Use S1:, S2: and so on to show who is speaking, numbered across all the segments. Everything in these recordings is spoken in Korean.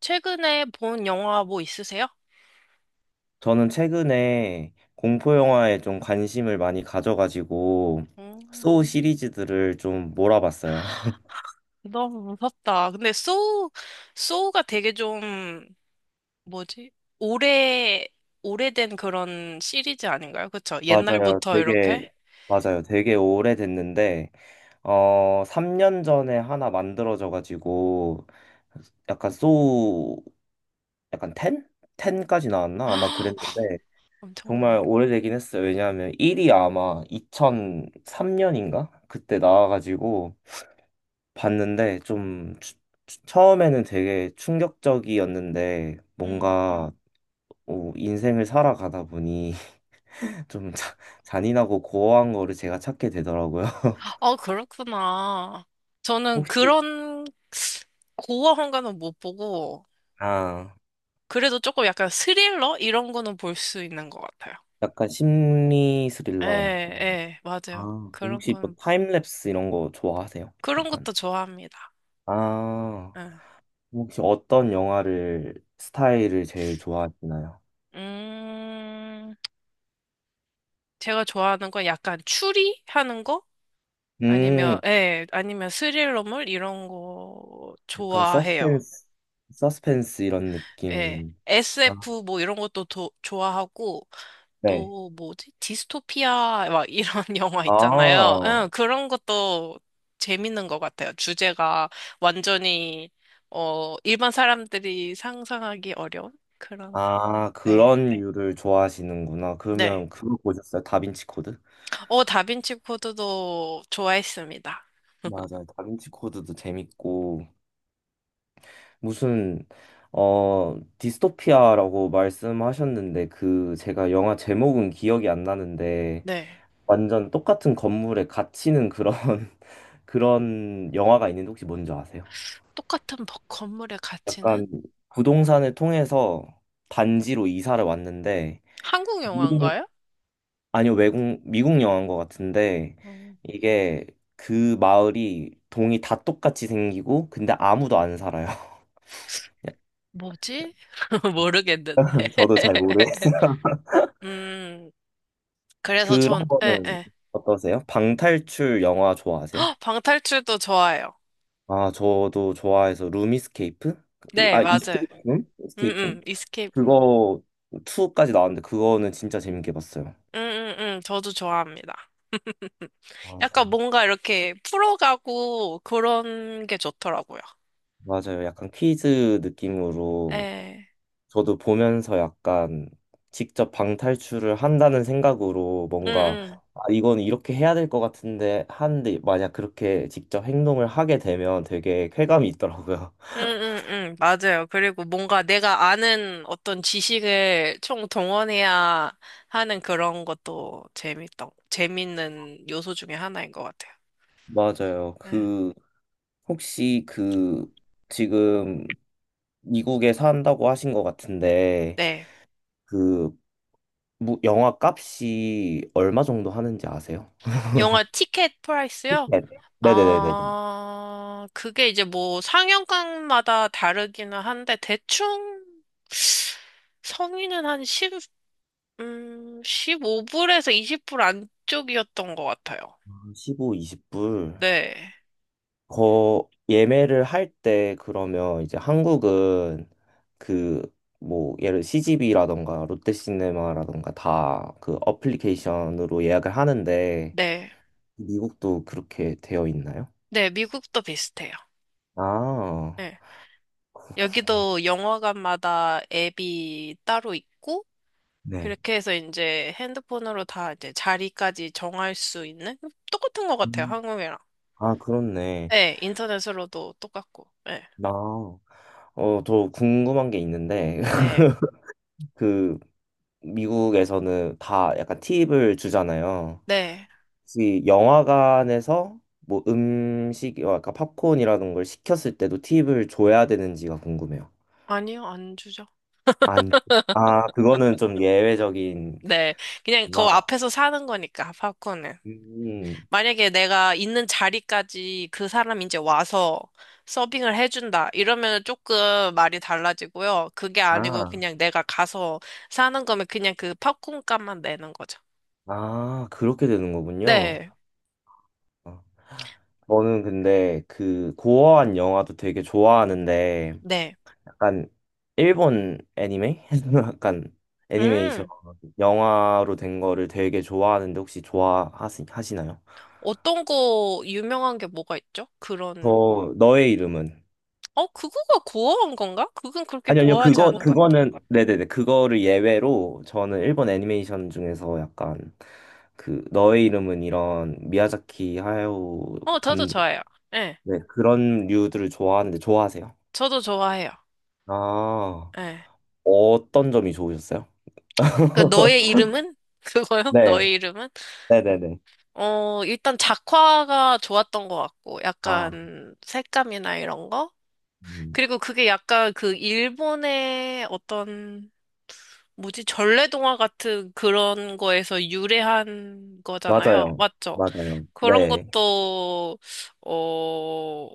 S1: 최근에 본 영화 뭐 있으세요?
S2: 저는 최근에 공포 영화에 좀 관심을 많이 가져가지고
S1: 음.
S2: 소우 시리즈들을 좀 몰아봤어요.
S1: 너무 무섭다. 근데 소우, 소우가 되게 좀, 뭐지? 오래, 오래된 그런 시리즈 아닌가요? 그쵸?
S2: 맞아요.
S1: 옛날부터 이렇게?
S2: 되게 오래됐는데 3년 전에 하나 만들어져 가지고 약간 소우, 약간 10? 10까지 나왔나? 아마
S1: 아,
S2: 그랬는데
S1: 엄청 많이.
S2: 정말 오래되긴 했어요. 왜냐하면 1이 아마 2003년인가? 그때 나와 가지고 봤는데 처음에는 되게 충격적이었는데
S1: 음.
S2: 뭔가 인생을 살아가다 보니 좀 자- 잔인하고 고어한 거를 제가 찾게 되더라고요.
S1: 아, 그렇구나. 저는
S2: 혹시
S1: 그런 고어한 거는 못 보고,
S2: 아,
S1: 그래도 조금 약간 스릴러? 이런 거는 볼 수 있는 것 같아요.
S2: 약간 심리
S1: 예,
S2: 스릴러 약간.
S1: 예, 맞아요.
S2: 아, 그럼
S1: 그런
S2: 혹시 뭐
S1: 거는,
S2: 타임랩스 이런 거 좋아하세요?
S1: 그런
S2: 약간
S1: 것도 좋아합니다.
S2: 아,
S1: 예.
S2: 혹시 어떤 영화를 스타일을 제일 좋아하시나요?
S1: 음, 제가 좋아하는 건 약간 추리하는 거?
S2: 음,
S1: 아니면, 예, 아니면 스릴러물? 이런 거
S2: 약간
S1: 좋아해요.
S2: 서스펜스 이런
S1: 예.
S2: 느낌. 아,
S1: SF 뭐 이런 것도 좋아하고,
S2: 네.
S1: 또 뭐지? 디스토피아 막 이런 영화 있잖아요.
S2: 아,
S1: 응, 그런 것도 재밌는 것 같아요. 주제가 완전히, 어, 일반 사람들이 상상하기 어려운 그런,
S2: 아,
S1: 네.
S2: 그런 류를 좋아하시는구나.
S1: 네.
S2: 그러면 그거 보셨어요? 다빈치 코드?
S1: 어, 다빈치 코드도 좋아했습니다.
S2: 맞아요. 다빈치 코드도 재밌고, 무슨, 어, 디스토피아라고 말씀하셨는데, 그, 제가 영화 제목은 기억이 안 나는데,
S1: 네.
S2: 완전 똑같은 건물에 갇히는 그런, 그런 영화가 있는데, 혹시 뭔지 아세요?
S1: 똑같은 건물의 가치는
S2: 약간 부동산을 통해서 단지로 이사를 왔는데,
S1: 한국
S2: 모든,
S1: 영화인가요?
S2: 아니요, 외국, 미국 영화인 것 같은데,
S1: 어,
S2: 이게 그 마을이 동이 다 똑같이 생기고, 근데 아무도 안 살아요.
S1: 뭐지? 모르겠는데.
S2: 저도 잘 모르겠어요.
S1: 음, 그래서
S2: 그런
S1: 전, 네,
S2: 거는
S1: 네.
S2: 어떠세요? 방탈출 영화 좋아하세요?
S1: 헉, 방탈출도 좋아요.
S2: 아, 저도 좋아해서 룸이스케이프?
S1: 네,
S2: 아,
S1: 맞아요.
S2: 이스케이프룸?
S1: 음,
S2: 이스케이프룸?
S1: 이스케이프
S2: 그거 2까지 나왔는데, 그거는 진짜 재밌게 봤어요.
S1: 저도 좋아합니다.
S2: 맞아.
S1: 약간 뭔가 이렇게 풀어가고 그런 게 좋더라고요.
S2: 맞아요. 약간 퀴즈 느낌으로.
S1: 예.
S2: 저도 보면서 약간 직접 방탈출을 한다는 생각으로,
S1: 음,
S2: 뭔가
S1: 음.
S2: 아, 이건 이렇게 해야 될 것 같은데 하는데, 만약 그렇게 직접 행동을 하게 되면 되게 쾌감이 있더라고요.
S1: 응응응 맞아요. 그리고 뭔가 내가 아는 어떤 지식을 총동원해야 하는 그런 것도 재밌다. 재밌는 요소 중에 하나인 것 같아요.
S2: 맞아요.
S1: 네.
S2: 그 혹시 그 지금 미국에 산다고 하신 것 같은데,
S1: 네.
S2: 그 영화 값이 얼마 정도 하는지 아세요?
S1: 영화 티켓 프라이스요?
S2: 네. 네네네네.
S1: 아, 그게 이제 뭐 상영관마다 다르기는 한데 대충 성인은 한1 음, 5불에서 20불 안쪽이었던 것 같아요.
S2: 15, 20불.
S1: 네.
S2: 거 예매를 할 때 그러면 이제 한국은 그 뭐 예를 CGV라던가 롯데시네마라던가 다 그 어플리케이션으로 예약을 하는데,
S1: 네.
S2: 미국도 그렇게 되어 있나요?
S1: 네, 미국도 비슷해요.
S2: 아,
S1: 네.
S2: 그렇구나.
S1: 여기도 영화관마다 앱이 따로 있고,
S2: 네.
S1: 그렇게 해서 이제 핸드폰으로 다 이제 자리까지 정할 수 있는? 똑같은 것 같아요,
S2: 음.
S1: 한국이랑.
S2: 아, 그렇네.
S1: 네, 인터넷으로도 똑같고. 네.
S2: 나 더 궁금한 게 있는데,
S1: 네.
S2: 그 미국에서는 다 약간 팁을 주잖아요.
S1: 네.
S2: 혹시 영화관에서 뭐 음식, 아까 팝콘이라는 걸 시켰을 때도 팁을 줘야 되는지가 궁금해요.
S1: 아니요, 안 주죠.
S2: 안, 아, 그거는 좀 예외적인.
S1: 네. 그냥 그
S2: 아,
S1: 앞에서 사는 거니까, 팝콘은.
S2: 음,
S1: 만약에 내가 있는 자리까지 그 사람이 이제 와서 서빙을 해준다. 이러면 조금 말이 달라지고요. 그게 아니고
S2: 아,
S1: 그냥 내가 가서 사는 거면 그냥 그 팝콘 값만 내는 거죠.
S2: 아, 그렇게 되는 거군요.
S1: 네,
S2: 아, 저는 근데 그 고어한 영화도 되게 좋아하는데,
S1: 네.
S2: 약간 일본 애니메? 약간 애니메이션
S1: 음,
S2: 영화로 된 거를 되게 좋아하는데, 혹시 좋아하시나요?
S1: 어떤 거 유명한 게 뭐가 있죠? 그런,
S2: 저, 너의 이름은?
S1: 어, 그거가 고어한 건가? 그건 그렇게
S2: 아니요, 아니요,
S1: 고어하지
S2: 그거,
S1: 않은 것 같아.
S2: 그거는, 네네네, 그거를 예외로 저는 일본 애니메이션 중에서 약간 그, 너의 이름은 이런 미야자키 하야오
S1: 어, 저도
S2: 감독,
S1: 좋아요. 예,
S2: 네, 그런 류들을 좋아하는데 좋아하세요?
S1: 저도 좋아해요.
S2: 아,
S1: 예.
S2: 어떤 점이 좋으셨어요?
S1: 그, 너의 이름은? 그거요?
S2: 네,
S1: 너의 이름은?
S2: 네네네.
S1: 어, 일단 작화가 좋았던 것 같고,
S2: 아,
S1: 약간 색감이나 이런 거?
S2: 음,
S1: 그리고 그게 약간 그 일본의 어떤, 뭐지, 전래동화 같은 그런 거에서 유래한 거잖아요.
S2: 맞아요,
S1: 맞죠?
S2: 맞아요.
S1: 그런
S2: 네,
S1: 것도, 어,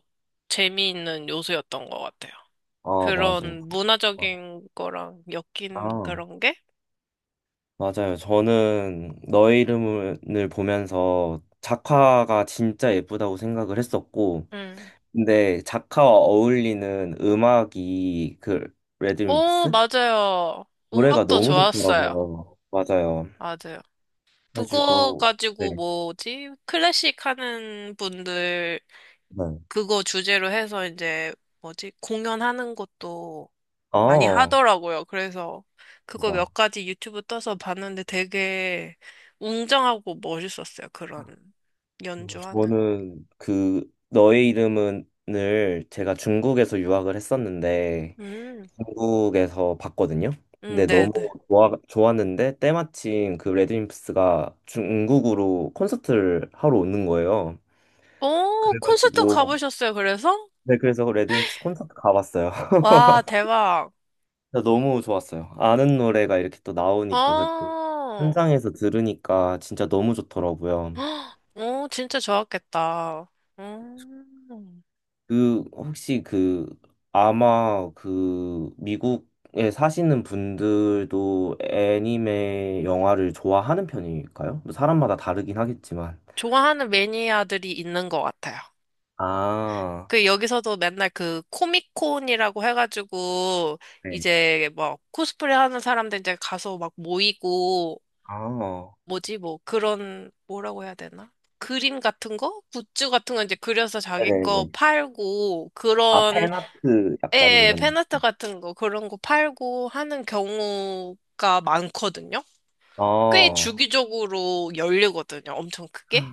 S1: 재미있는 요소였던 것 같아요.
S2: 아, 맞아요.
S1: 그런 문화적인 거랑 엮인
S2: 아,
S1: 그런 게?
S2: 맞아요. 저는 너의 이름을 보면서 작화가 진짜 예쁘다고 생각을 했었고,
S1: 음.
S2: 근데 작가와 어울리는 음악이 그
S1: 오,
S2: 레드wimps
S1: 맞아요.
S2: 노래가
S1: 음악도
S2: 너무
S1: 좋았어요.
S2: 좋더라고요. 맞아요.
S1: 맞아요. 그거
S2: 해가지고 네.
S1: 가지고 뭐지? 클래식 하는 분들
S2: 네.
S1: 그거 주제로 해서 이제 뭐지? 공연하는 것도 많이
S2: 아,
S1: 하더라고요. 그래서 그거
S2: 대박.
S1: 몇 가지 유튜브 떠서 봤는데 되게 웅장하고 멋있었어요. 그런 연주하는.
S2: 저는 그 너의 이름은을 제가 중국에서 유학을 했었는데
S1: 음,
S2: 중국에서 봤거든요. 근데
S1: 네네.
S2: 너무 좋았는데 때마침 그 레드 w i 스가 중국으로 콘서트를 하러 오는 거예요.
S1: 오, 콘서트
S2: 그래가지고
S1: 가보셨어요. 그래서?
S2: 네, 그래서 레드임프스 콘서트 가봤어요.
S1: 와, 대박.
S2: 진짜 너무 좋았어요. 아는 노래가 이렇게 또 나오니까 그때
S1: 어,
S2: 현장에서 들으니까 진짜 너무 좋더라고요.
S1: 헉, 오, 진짜 좋았겠다. 음.
S2: 그 혹시 그 아마 그 미국에 사시는 분들도 애니메 영화를 좋아하는 편일까요? 뭐 사람마다 다르긴 하겠지만.
S1: 좋아하는 매니아들이 있는 것 같아요.
S2: 아,
S1: 그 여기서도 맨날 그 코미콘이라고 해가지고
S2: 네.
S1: 이제 뭐 코스프레 하는 사람들 이제 가서 막 모이고
S2: 아,
S1: 뭐지 뭐 그런 뭐라고 해야 되나? 그림 같은 거? 굿즈 같은 거 이제 그려서 자기 거
S2: 네네네.
S1: 팔고
S2: 아,
S1: 그런
S2: 팬아트 약간
S1: 예,
S2: 이런.
S1: 팬아트 같은 거 그런 거 팔고 하는 경우가 많거든요. 꽤
S2: 아,
S1: 주기적으로 열리거든요. 엄청 크게.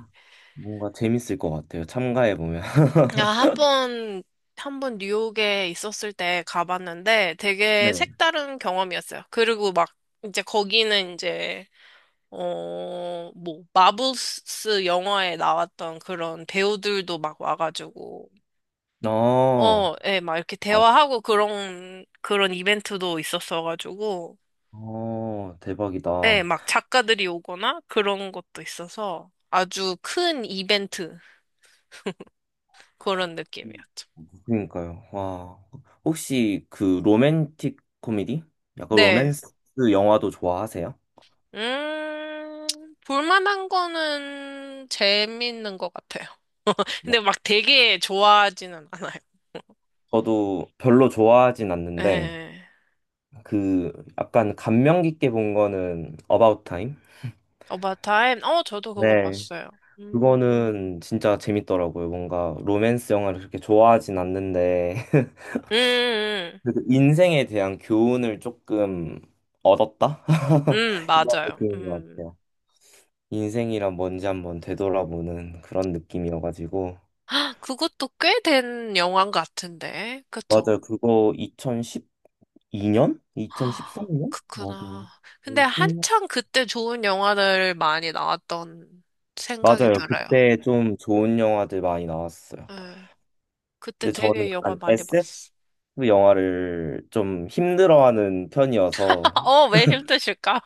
S2: 뭔가 재밌을 것 같아요. 참가해보면.
S1: 야, 한 번, 한 번 뉴욕에 있었을 때 가봤는데 되게
S2: 네.
S1: 색다른 경험이었어요. 그리고 막 이제 거기는 이제, 어, 뭐, 마블스 영화에 나왔던 그런 배우들도 막 와가지고,
S2: 아,
S1: 어, 예, 막 이렇게
S2: 아,
S1: 대화하고 그런, 그런 이벤트도 있었어가지고, 예,
S2: 대박이다.
S1: 막 작가들이 오거나 그런 것도 있어서 아주 큰 이벤트, 그런 느낌이었죠.
S2: 그러니까요. 와, 혹시 그 로맨틱 코미디? 약간
S1: 네.
S2: 로맨스 영화도 좋아하세요?
S1: 음, 볼만한 거는 재밌는 것 같아요.
S2: 뭐,
S1: 근데 막 되게 좋아하지는 않아요.
S2: 저도 별로 좋아하진 않는데
S1: 예.
S2: 그 약간 감명 깊게 본 거는 About Time?
S1: 어바타임? 어, 저도 그거
S2: 네.
S1: 봤어요. 음,
S2: 그거는 진짜 재밌더라고요. 뭔가 로맨스 영화를 그렇게 좋아하진 않는데
S1: 음, 음,
S2: 그래도 인생에 대한 교훈을 조금 얻었다? 이런
S1: 맞아요.
S2: 느낌인 것
S1: 음.
S2: 같아요. 인생이란 뭔지 한번 되돌아보는 그런 느낌이어가지고.
S1: 헉, 그것도 꽤 된 영화인 것 같은데. 그쵸?
S2: 맞아요. 그거 2012년?
S1: 아,
S2: 2013년? 맞아요.
S1: 그렇구나. 근데
S2: 거의 10년.
S1: 한창 그때 좋은 영화들 많이 나왔던 생각이
S2: 맞아요.
S1: 들어요.
S2: 그때 좀 좋은 영화들 많이 나왔어요.
S1: 예. 그때
S2: 근데 저는
S1: 되게 영화
S2: 약간
S1: 많이
S2: SF
S1: 봤어.
S2: 영화를 좀 힘들어하는 편이어서,
S1: 어, 왜 힘드실까?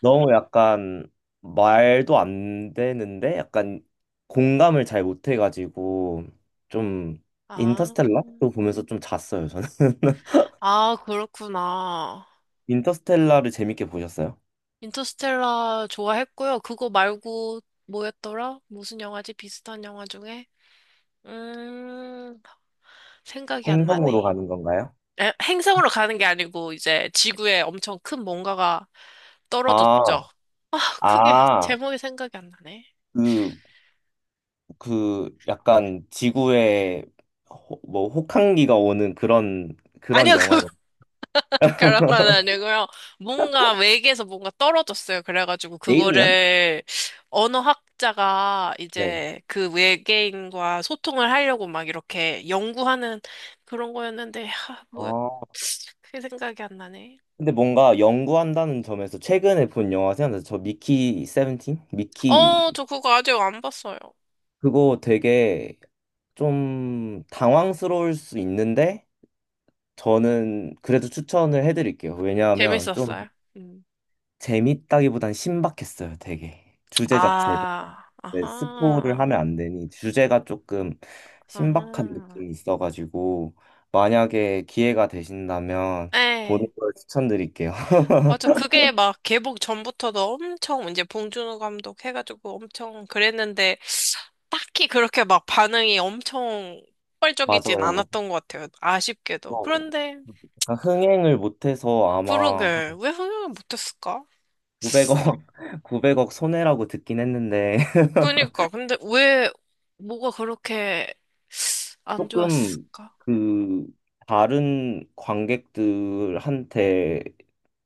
S2: 너무 약간 말도 안 되는데 약간 공감을 잘 못해가지고 좀
S1: 아,
S2: 인터스텔라도 보면서 좀 잤어요.
S1: 아, 그렇구나.
S2: 인터스텔라를 재밌게 보셨어요?
S1: 인터스텔라 좋아했고요. 그거 말고 뭐였더라? 무슨 영화지? 비슷한 영화 중에? 음, 생각이 안
S2: 행성으로
S1: 나네.
S2: 가는 건가요?
S1: 에, 행성으로 가는 게 아니고 이제 지구에 엄청 큰 뭔가가 떨어졌죠.
S2: 아,
S1: 아, 그게
S2: 아,
S1: 제목이 생각이 안 나네.
S2: 그, 그, 약간 지구에 뭐 혹한기가 오는 그런, 그런
S1: 아니요, 그
S2: 영화예요.
S1: 그런 건 아니고요. 뭔가 외계에서 뭔가 떨어졌어요. 그래가지고
S2: 에일리언?
S1: 그거를 언어학자가
S2: 네.
S1: 이제 그 외계인과 소통을 하려고 막 이렇게 연구하는 그런 거였는데, 하, 뭐야,
S2: 아,
S1: 그게 생각이 안 나네.
S2: 근데 뭔가 연구한다는 점에서 최근에 본 영화 생각나서 저, 미키 세븐틴? 미키
S1: 어, 저 그거 아직 안 봤어요.
S2: 그거 되게 좀 당황스러울 수 있는데, 저는 그래도 추천을 해드릴게요. 왜냐하면 좀
S1: 재밌었어요? 음.
S2: 재밌다기보단 신박했어요, 되게. 주제 자체가.
S1: 아,
S2: 네, 스포를
S1: 아하,
S2: 하면 안 되니 주제가 조금 신박한
S1: 아하.
S2: 느낌이 있어가지고, 만약에 기회가 되신다면 보는
S1: 네.
S2: 걸 추천드릴게요.
S1: 맞아. 그게 막 개봉 전부터도 엄청 이제 봉준호 감독 해가지고 엄청 그랬는데, 딱히 그렇게 막 반응이 엄청 폭발적이진
S2: 맞아요.
S1: 않았던 것 같아요. 아쉽게도.
S2: 어,
S1: 그런데,
S2: 약간 흥행을 못해서 아마
S1: 그러게, 왜 흥행을 못했을까?
S2: 900억, 900억 손해라고 듣긴 했는데,
S1: 그러니까, 근데 왜, 뭐가 그렇게 안
S2: 조금
S1: 좋았을까?
S2: 그 다른 관객들한테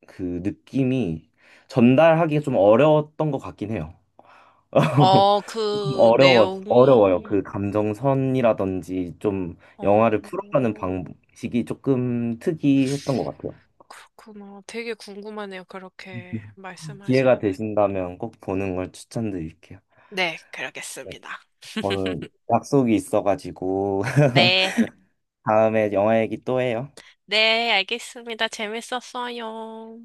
S2: 그 느낌이 전달하기가 좀 어려웠던 것 같긴 해요.
S1: 어,
S2: 조금
S1: 그
S2: 어려워요.
S1: 내용이,
S2: 그 감정선이라든지 좀
S1: 어,
S2: 영화를 풀어가는 방식이 조금 특이했던 것 같아요.
S1: 그렇구나. 되게 궁금하네요. 그렇게
S2: 기회가
S1: 말씀하신.
S2: 되신다면 꼭 보는 걸 추천드릴게요.
S1: 네,
S2: 네,
S1: 그러겠습니다.
S2: 오늘 약속이 있어가지고
S1: 네,
S2: 다음에 영화 얘기 또 해요.
S1: 네, 알겠습니다. 재밌었어요.